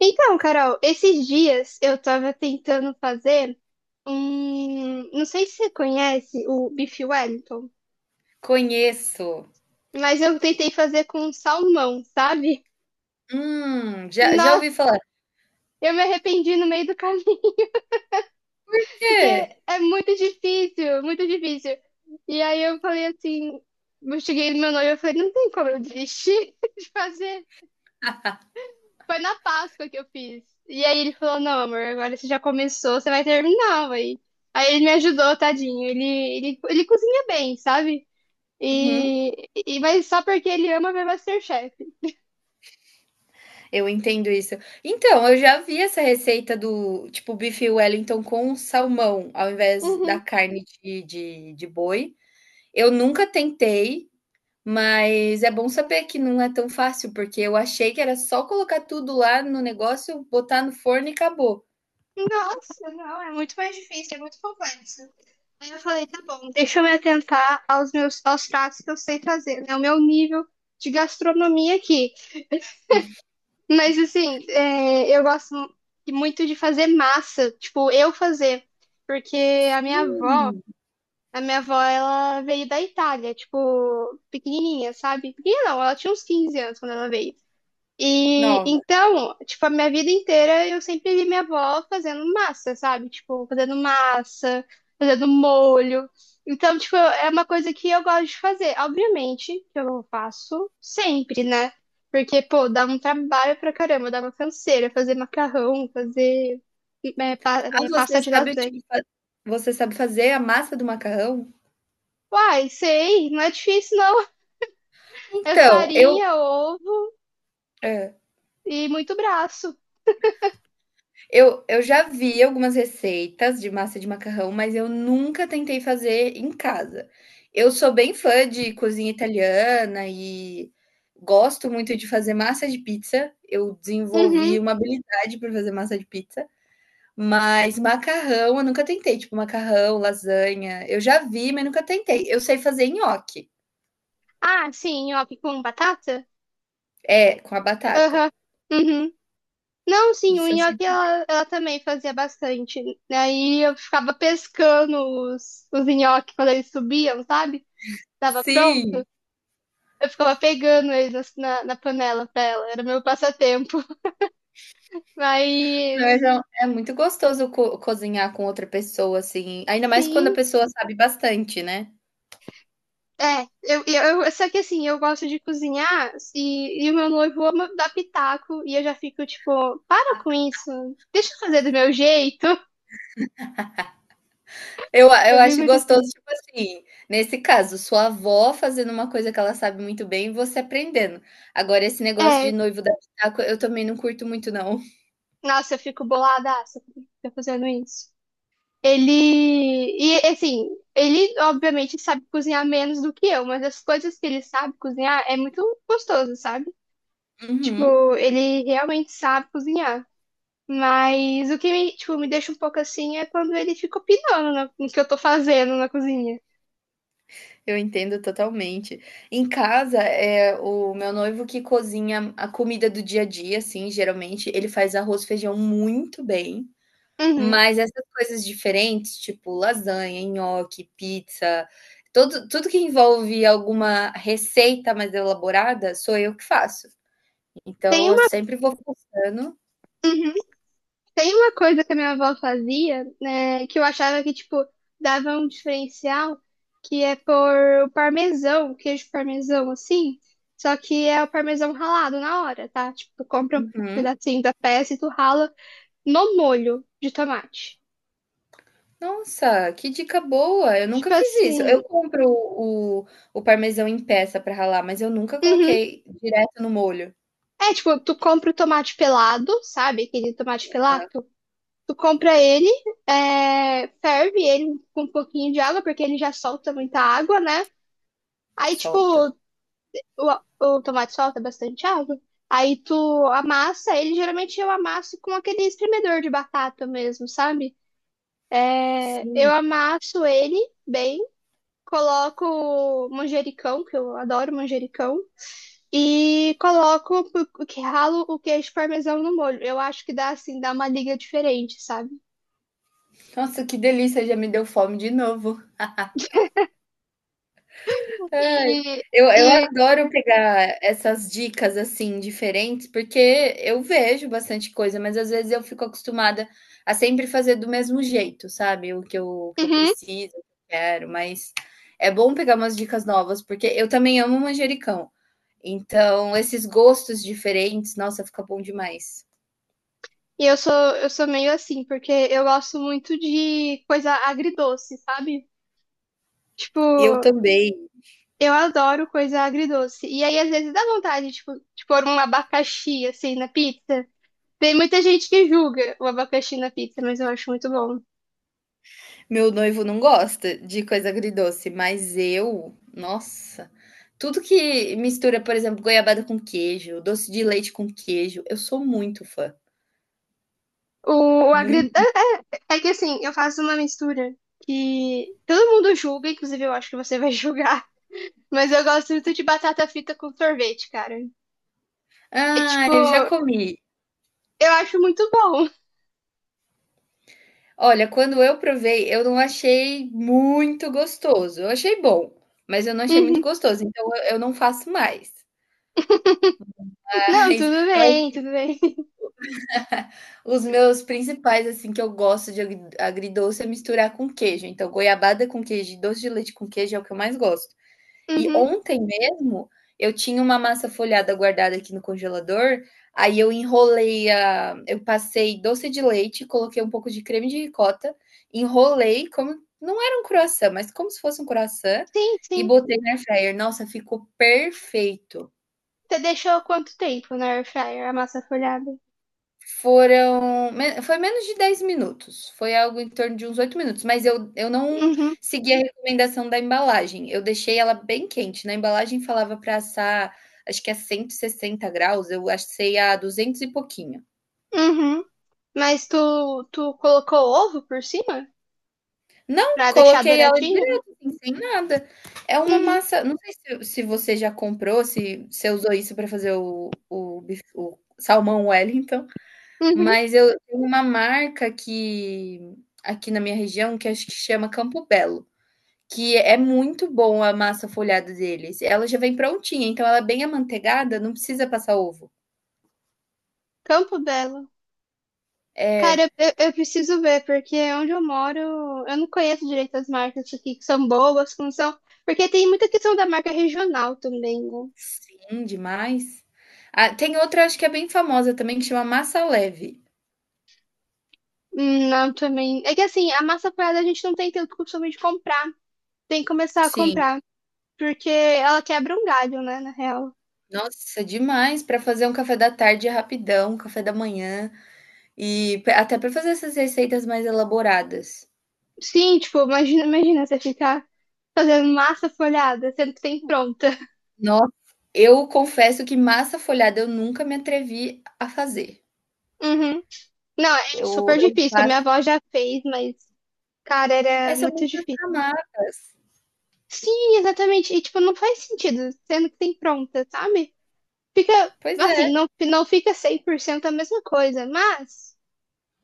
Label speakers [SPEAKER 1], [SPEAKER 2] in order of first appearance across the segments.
[SPEAKER 1] Então, Carol, esses dias eu tava tentando fazer um. Não sei se você conhece o bife Wellington,
[SPEAKER 2] Conheço.
[SPEAKER 1] mas eu tentei fazer com salmão, sabe?
[SPEAKER 2] Já
[SPEAKER 1] Nossa,
[SPEAKER 2] ouvi falar.
[SPEAKER 1] eu me arrependi no meio do caminho, porque
[SPEAKER 2] "Quê?"
[SPEAKER 1] é muito difícil, muito difícil. E aí eu falei assim, eu cheguei no meu noivo e falei, não tem como eu desistir de fazer. Foi na Páscoa que eu fiz. E aí ele falou: Não, amor, agora você já começou, você vai terminar, Aí ele me ajudou, tadinho. Ele cozinha bem, sabe?
[SPEAKER 2] Uhum,
[SPEAKER 1] Mas só porque ele ama ver MasterChef.
[SPEAKER 2] eu entendo isso. Então, eu já vi essa receita do tipo bife Wellington com salmão, ao invés
[SPEAKER 1] Uhum.
[SPEAKER 2] da carne de boi. Eu nunca tentei, mas é bom saber que não é tão fácil, porque eu achei que era só colocar tudo lá no negócio, botar no forno e acabou.
[SPEAKER 1] Nossa, não, é muito mais difícil, é muito complexo. Aí eu falei, tá bom, deixa eu me atentar aos pratos que eu sei fazer, né? O meu nível de gastronomia aqui. Mas assim, eu gosto muito de fazer massa, tipo, eu fazer, porque a minha avó,
[SPEAKER 2] Hum,
[SPEAKER 1] a minha avó, ela veio da Itália, tipo, pequenininha, sabe? Pequenininha não, ela tinha uns 15 anos quando ela veio. E
[SPEAKER 2] nova.
[SPEAKER 1] então, tipo, a minha vida inteira eu sempre vi minha avó fazendo massa, sabe? Tipo, fazendo massa, fazendo molho. Então, tipo, é uma coisa que eu gosto de fazer. Obviamente que eu faço sempre, né? Porque, pô, dá um trabalho pra caramba, dá uma canseira fazer macarrão, fazer
[SPEAKER 2] Ah,
[SPEAKER 1] pasta
[SPEAKER 2] você
[SPEAKER 1] de
[SPEAKER 2] sabe,
[SPEAKER 1] lasanha.
[SPEAKER 2] tipo, fa você sabe fazer a massa do macarrão?
[SPEAKER 1] Uai, sei, não é difícil não. É
[SPEAKER 2] Então, eu
[SPEAKER 1] farinha, ovo
[SPEAKER 2] é.
[SPEAKER 1] e muito braço.
[SPEAKER 2] Eu já vi algumas receitas de massa de macarrão, mas eu nunca tentei fazer em casa. Eu sou bem fã de cozinha italiana e gosto muito de fazer massa de pizza. Eu
[SPEAKER 1] Uhum.
[SPEAKER 2] desenvolvi uma habilidade para fazer massa de pizza, mas macarrão eu nunca tentei, tipo macarrão, lasanha, eu já vi, mas nunca tentei. Eu sei fazer nhoque.
[SPEAKER 1] Ah, sim, nhoque com batata?
[SPEAKER 2] É, com a batata.
[SPEAKER 1] Aham. Uhum. Não, sim, o
[SPEAKER 2] Isso eu sei
[SPEAKER 1] nhoque
[SPEAKER 2] fazer.
[SPEAKER 1] ela também fazia bastante, né? Aí eu ficava pescando os nhoques quando eles subiam, sabe? Tava pronto.
[SPEAKER 2] Sim.
[SPEAKER 1] Eu ficava pegando eles assim, na panela pra ela. Era meu passatempo.
[SPEAKER 2] Mas
[SPEAKER 1] Mas,
[SPEAKER 2] é muito gostoso co cozinhar com outra pessoa, assim, ainda mais quando a
[SPEAKER 1] sim,
[SPEAKER 2] pessoa sabe bastante, né.
[SPEAKER 1] é. Só que assim, eu gosto de cozinhar e o meu noivo ama dar pitaco. E eu já fico tipo, para com isso. Deixa eu fazer do meu jeito.
[SPEAKER 2] Eu
[SPEAKER 1] Eu fico
[SPEAKER 2] acho
[SPEAKER 1] muito
[SPEAKER 2] gostoso,
[SPEAKER 1] assim.
[SPEAKER 2] tipo assim, nesse caso, sua avó fazendo uma coisa que ela sabe muito bem e você aprendendo. Agora esse negócio de
[SPEAKER 1] É,
[SPEAKER 2] noivo dar pitaco, eu também não curto muito não.
[SPEAKER 1] Nossa, eu fico boladaça quando ele fica fazendo isso. Ele. E assim, ele obviamente sabe cozinhar menos do que eu, mas as coisas que ele sabe cozinhar é muito gostoso, sabe?
[SPEAKER 2] Uhum,
[SPEAKER 1] Tipo, ele realmente sabe cozinhar. Mas o que me, tipo, me deixa um pouco assim é quando ele fica opinando no que eu tô fazendo na cozinha.
[SPEAKER 2] eu entendo totalmente. Em casa, é o meu noivo que cozinha a comida do dia a dia, assim, geralmente, ele faz arroz, e feijão muito bem.
[SPEAKER 1] Uhum.
[SPEAKER 2] Mas essas coisas diferentes, tipo lasanha, nhoque, pizza, todo tudo que envolve alguma receita mais elaborada, sou eu que faço.
[SPEAKER 1] Tem
[SPEAKER 2] Então eu sempre vou postando.
[SPEAKER 1] Tem uma coisa que a minha avó fazia, né, que eu achava que, tipo, dava um diferencial, que é pôr o parmesão, queijo parmesão, assim, só que é o parmesão ralado na hora, tá? Tipo, tu compra um
[SPEAKER 2] Uhum.
[SPEAKER 1] pedacinho da peça e tu rala no molho de tomate.
[SPEAKER 2] Nossa, que dica boa! Eu
[SPEAKER 1] Tipo
[SPEAKER 2] nunca fiz isso.
[SPEAKER 1] assim,
[SPEAKER 2] Eu compro o parmesão em peça para ralar, mas eu nunca
[SPEAKER 1] uhum.
[SPEAKER 2] coloquei direto no molho.
[SPEAKER 1] É, tipo, tu compra o tomate pelado, sabe? Aquele tomate pelado. Tu compra ele, ferve ele com um pouquinho de água, porque ele já solta muita água, né? Aí, tipo,
[SPEAKER 2] Solta.
[SPEAKER 1] O, o tomate solta bastante água. Aí tu amassa, ele geralmente eu amasso com aquele espremedor de batata mesmo, sabe? Eu
[SPEAKER 2] Sim.
[SPEAKER 1] amasso ele bem, coloco manjericão, que eu adoro manjericão, e coloco, o que ralo o queijo parmesão no molho. Eu acho que dá assim, dá uma liga diferente, sabe?
[SPEAKER 2] Nossa, que delícia, já me deu fome de novo. Ai,
[SPEAKER 1] E,
[SPEAKER 2] eu
[SPEAKER 1] e,
[SPEAKER 2] adoro pegar essas dicas, assim, diferentes, porque eu vejo bastante coisa, mas às vezes eu fico acostumada a sempre fazer do mesmo jeito, sabe, o que eu
[SPEAKER 1] uhum.
[SPEAKER 2] preciso, o que eu quero, mas é bom pegar umas dicas novas, porque eu também amo manjericão, então esses gostos diferentes, nossa, fica bom demais.
[SPEAKER 1] E eu sou, meio assim, porque eu gosto muito de coisa agridoce, sabe? Tipo,
[SPEAKER 2] Eu também.
[SPEAKER 1] eu adoro coisa agridoce. E aí, às vezes, dá vontade, tipo, de pôr um abacaxi, assim, na pizza. Tem muita gente que julga o abacaxi na pizza, mas eu acho muito bom.
[SPEAKER 2] Meu noivo não gosta de coisa agridoce, mas eu, nossa, tudo que mistura, por exemplo, goiabada com queijo, doce de leite com queijo, eu sou muito fã,
[SPEAKER 1] O, o agridoce.
[SPEAKER 2] muito.
[SPEAKER 1] É que, assim, eu faço uma mistura que todo mundo julga, inclusive eu acho que você vai julgar. Mas eu gosto muito de batata frita com sorvete, cara. É,
[SPEAKER 2] Ah,
[SPEAKER 1] tipo,
[SPEAKER 2] eu já comi.
[SPEAKER 1] eu acho muito bom.
[SPEAKER 2] Olha, quando eu provei, eu não achei muito gostoso. Eu achei bom, mas eu não achei muito
[SPEAKER 1] Uhum.
[SPEAKER 2] gostoso, então eu não faço mais.
[SPEAKER 1] Não,
[SPEAKER 2] Mas
[SPEAKER 1] tudo
[SPEAKER 2] eu acho
[SPEAKER 1] bem,
[SPEAKER 2] que
[SPEAKER 1] tudo bem.
[SPEAKER 2] os meus principais, assim, que eu gosto de agridoce é misturar com queijo. Então, goiabada com queijo e doce de leite com queijo é o que eu mais gosto. E
[SPEAKER 1] Uhum.
[SPEAKER 2] ontem mesmo eu tinha uma massa folhada guardada aqui no congelador, aí eu enrolei a, eu passei doce de leite, coloquei um pouco de creme de ricota, enrolei como não era um croissant, mas como se fosse um croissant
[SPEAKER 1] Sim,
[SPEAKER 2] e
[SPEAKER 1] sim.
[SPEAKER 2] botei na air fryer. Nossa, ficou perfeito.
[SPEAKER 1] Você deixou quanto tempo na air fryer a massa folhada?
[SPEAKER 2] Foram me foi menos de 10 minutos, foi algo em torno de uns 8 minutos, mas eu não
[SPEAKER 1] Uhum.
[SPEAKER 2] segui a recomendação da embalagem, eu deixei ela bem quente, na embalagem falava para assar, acho que a 160 graus eu assei a 200 e pouquinho.
[SPEAKER 1] Uhum. Mas tu colocou ovo por cima?
[SPEAKER 2] Não,
[SPEAKER 1] Pra deixar
[SPEAKER 2] coloquei ela
[SPEAKER 1] douradinho?
[SPEAKER 2] direto, assim, sem nada. É uma
[SPEAKER 1] Uhum.
[SPEAKER 2] massa não sei se se você já comprou, se você usou isso para fazer o salmão Wellington.
[SPEAKER 1] Uhum.
[SPEAKER 2] Mas eu tem uma marca aqui na minha região que acho que chama Campo Belo, que é muito bom a massa folhada deles. Ela já vem prontinha, então ela é bem amanteigada, não precisa passar ovo.
[SPEAKER 1] Campo Belo.
[SPEAKER 2] É.
[SPEAKER 1] Cara, eu preciso ver, porque onde eu moro, eu não conheço direito as marcas aqui, que são boas, que não são. Porque tem muita questão da marca regional também, né?
[SPEAKER 2] Sim, demais. Ah, tem outra acho que é bem famosa também que chama Massa Leve.
[SPEAKER 1] Não, também. É que assim, a massa folhada a gente não tem tanto costume de comprar. Tem que começar a
[SPEAKER 2] Sim.
[SPEAKER 1] comprar. Porque ela quebra um galho, né, na real.
[SPEAKER 2] Nossa, demais para fazer um café da tarde rapidão, café da manhã e p até para fazer essas receitas mais elaboradas.
[SPEAKER 1] Sim, tipo, imagina, imagina você ficar fazendo massa folhada, sendo que tem pronta.
[SPEAKER 2] Nossa, eu confesso que massa folhada eu nunca me atrevi a fazer.
[SPEAKER 1] Uhum. Não, é
[SPEAKER 2] Eu
[SPEAKER 1] super
[SPEAKER 2] eu
[SPEAKER 1] difícil. A
[SPEAKER 2] faço
[SPEAKER 1] minha avó já fez, mas, cara,
[SPEAKER 2] é,
[SPEAKER 1] era
[SPEAKER 2] são
[SPEAKER 1] muito
[SPEAKER 2] muitas
[SPEAKER 1] difícil.
[SPEAKER 2] camadas.
[SPEAKER 1] Sim, exatamente. E, tipo, não faz sentido, sendo que tem pronta, sabe? Fica,
[SPEAKER 2] Pois
[SPEAKER 1] assim,
[SPEAKER 2] é.
[SPEAKER 1] não, não fica 100% a mesma coisa, mas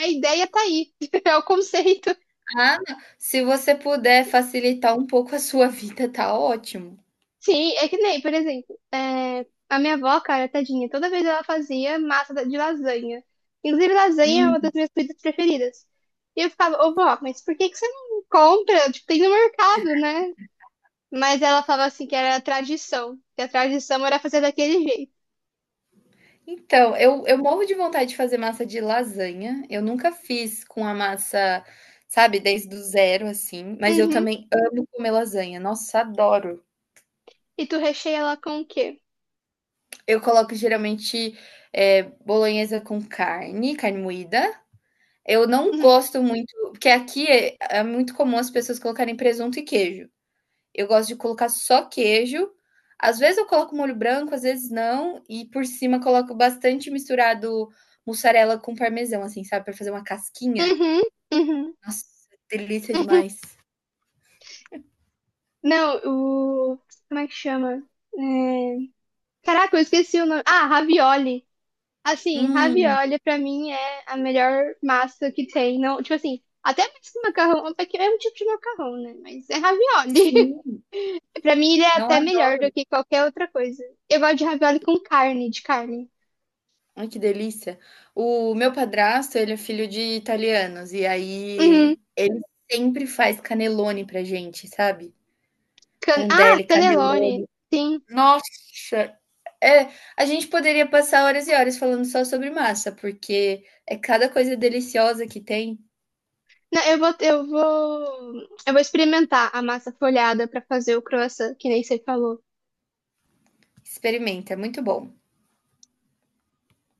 [SPEAKER 1] a ideia tá aí. É o conceito.
[SPEAKER 2] Ah, não, se você puder facilitar um pouco a sua vida, tá ótimo.
[SPEAKER 1] Sim, é que nem, por exemplo, a minha avó, cara, tadinha, toda vez ela fazia massa de lasanha. Inclusive, lasanha é uma das
[SPEAKER 2] Hum.
[SPEAKER 1] minhas comidas preferidas. E eu ficava, ô vó, mas por que que você não compra? Tipo, tem no mercado, né? Mas ela falava assim que era tradição, que a tradição era fazer daquele jeito.
[SPEAKER 2] Então, eu morro de vontade de fazer massa de lasanha, eu nunca fiz com a massa, sabe, desde o zero, assim, mas eu
[SPEAKER 1] Uhum.
[SPEAKER 2] também amo comer lasanha, nossa, adoro.
[SPEAKER 1] E tu recheia ela com o quê?
[SPEAKER 2] Eu coloco geralmente, eh, bolonhesa com carne, carne moída. Eu não
[SPEAKER 1] Uhum.
[SPEAKER 2] gosto muito porque aqui é muito comum as pessoas colocarem presunto e queijo. Eu gosto de colocar só queijo, às vezes eu coloco molho branco, às vezes não, e por cima coloco bastante misturado mussarela com parmesão, assim, sabe, pra fazer uma casquinha.
[SPEAKER 1] Uhum. Uhum.
[SPEAKER 2] Nossa, delícia
[SPEAKER 1] Uhum.
[SPEAKER 2] demais.
[SPEAKER 1] Não, o. Como é que chama? É, Caraca, eu esqueci o nome. Ah, ravioli. Assim,
[SPEAKER 2] Hum,
[SPEAKER 1] ravioli pra mim é a melhor massa que tem. Não, tipo assim, até mais que macarrão, até que é um tipo de macarrão, né? Mas é ravioli.
[SPEAKER 2] sim,
[SPEAKER 1] Pra mim ele é
[SPEAKER 2] não
[SPEAKER 1] até
[SPEAKER 2] é?
[SPEAKER 1] melhor do que qualquer outra coisa. Eu gosto de ravioli com carne, de carne.
[SPEAKER 2] Ai, que delícia. O meu padrasto, ele é filho de italianos, e
[SPEAKER 1] Uhum.
[SPEAKER 2] aí ele sempre faz canelone pra gente, sabe.
[SPEAKER 1] Ah,
[SPEAKER 2] Rondelli,
[SPEAKER 1] cannelloni.
[SPEAKER 2] canelone.
[SPEAKER 1] Sim.
[SPEAKER 2] Nossa! É, a gente poderia passar horas e horas falando só sobre massa, porque é cada coisa deliciosa que tem.
[SPEAKER 1] Não, eu vou experimentar a massa folhada para fazer o croissant, que nem você falou.
[SPEAKER 2] Experimenta, é muito bom.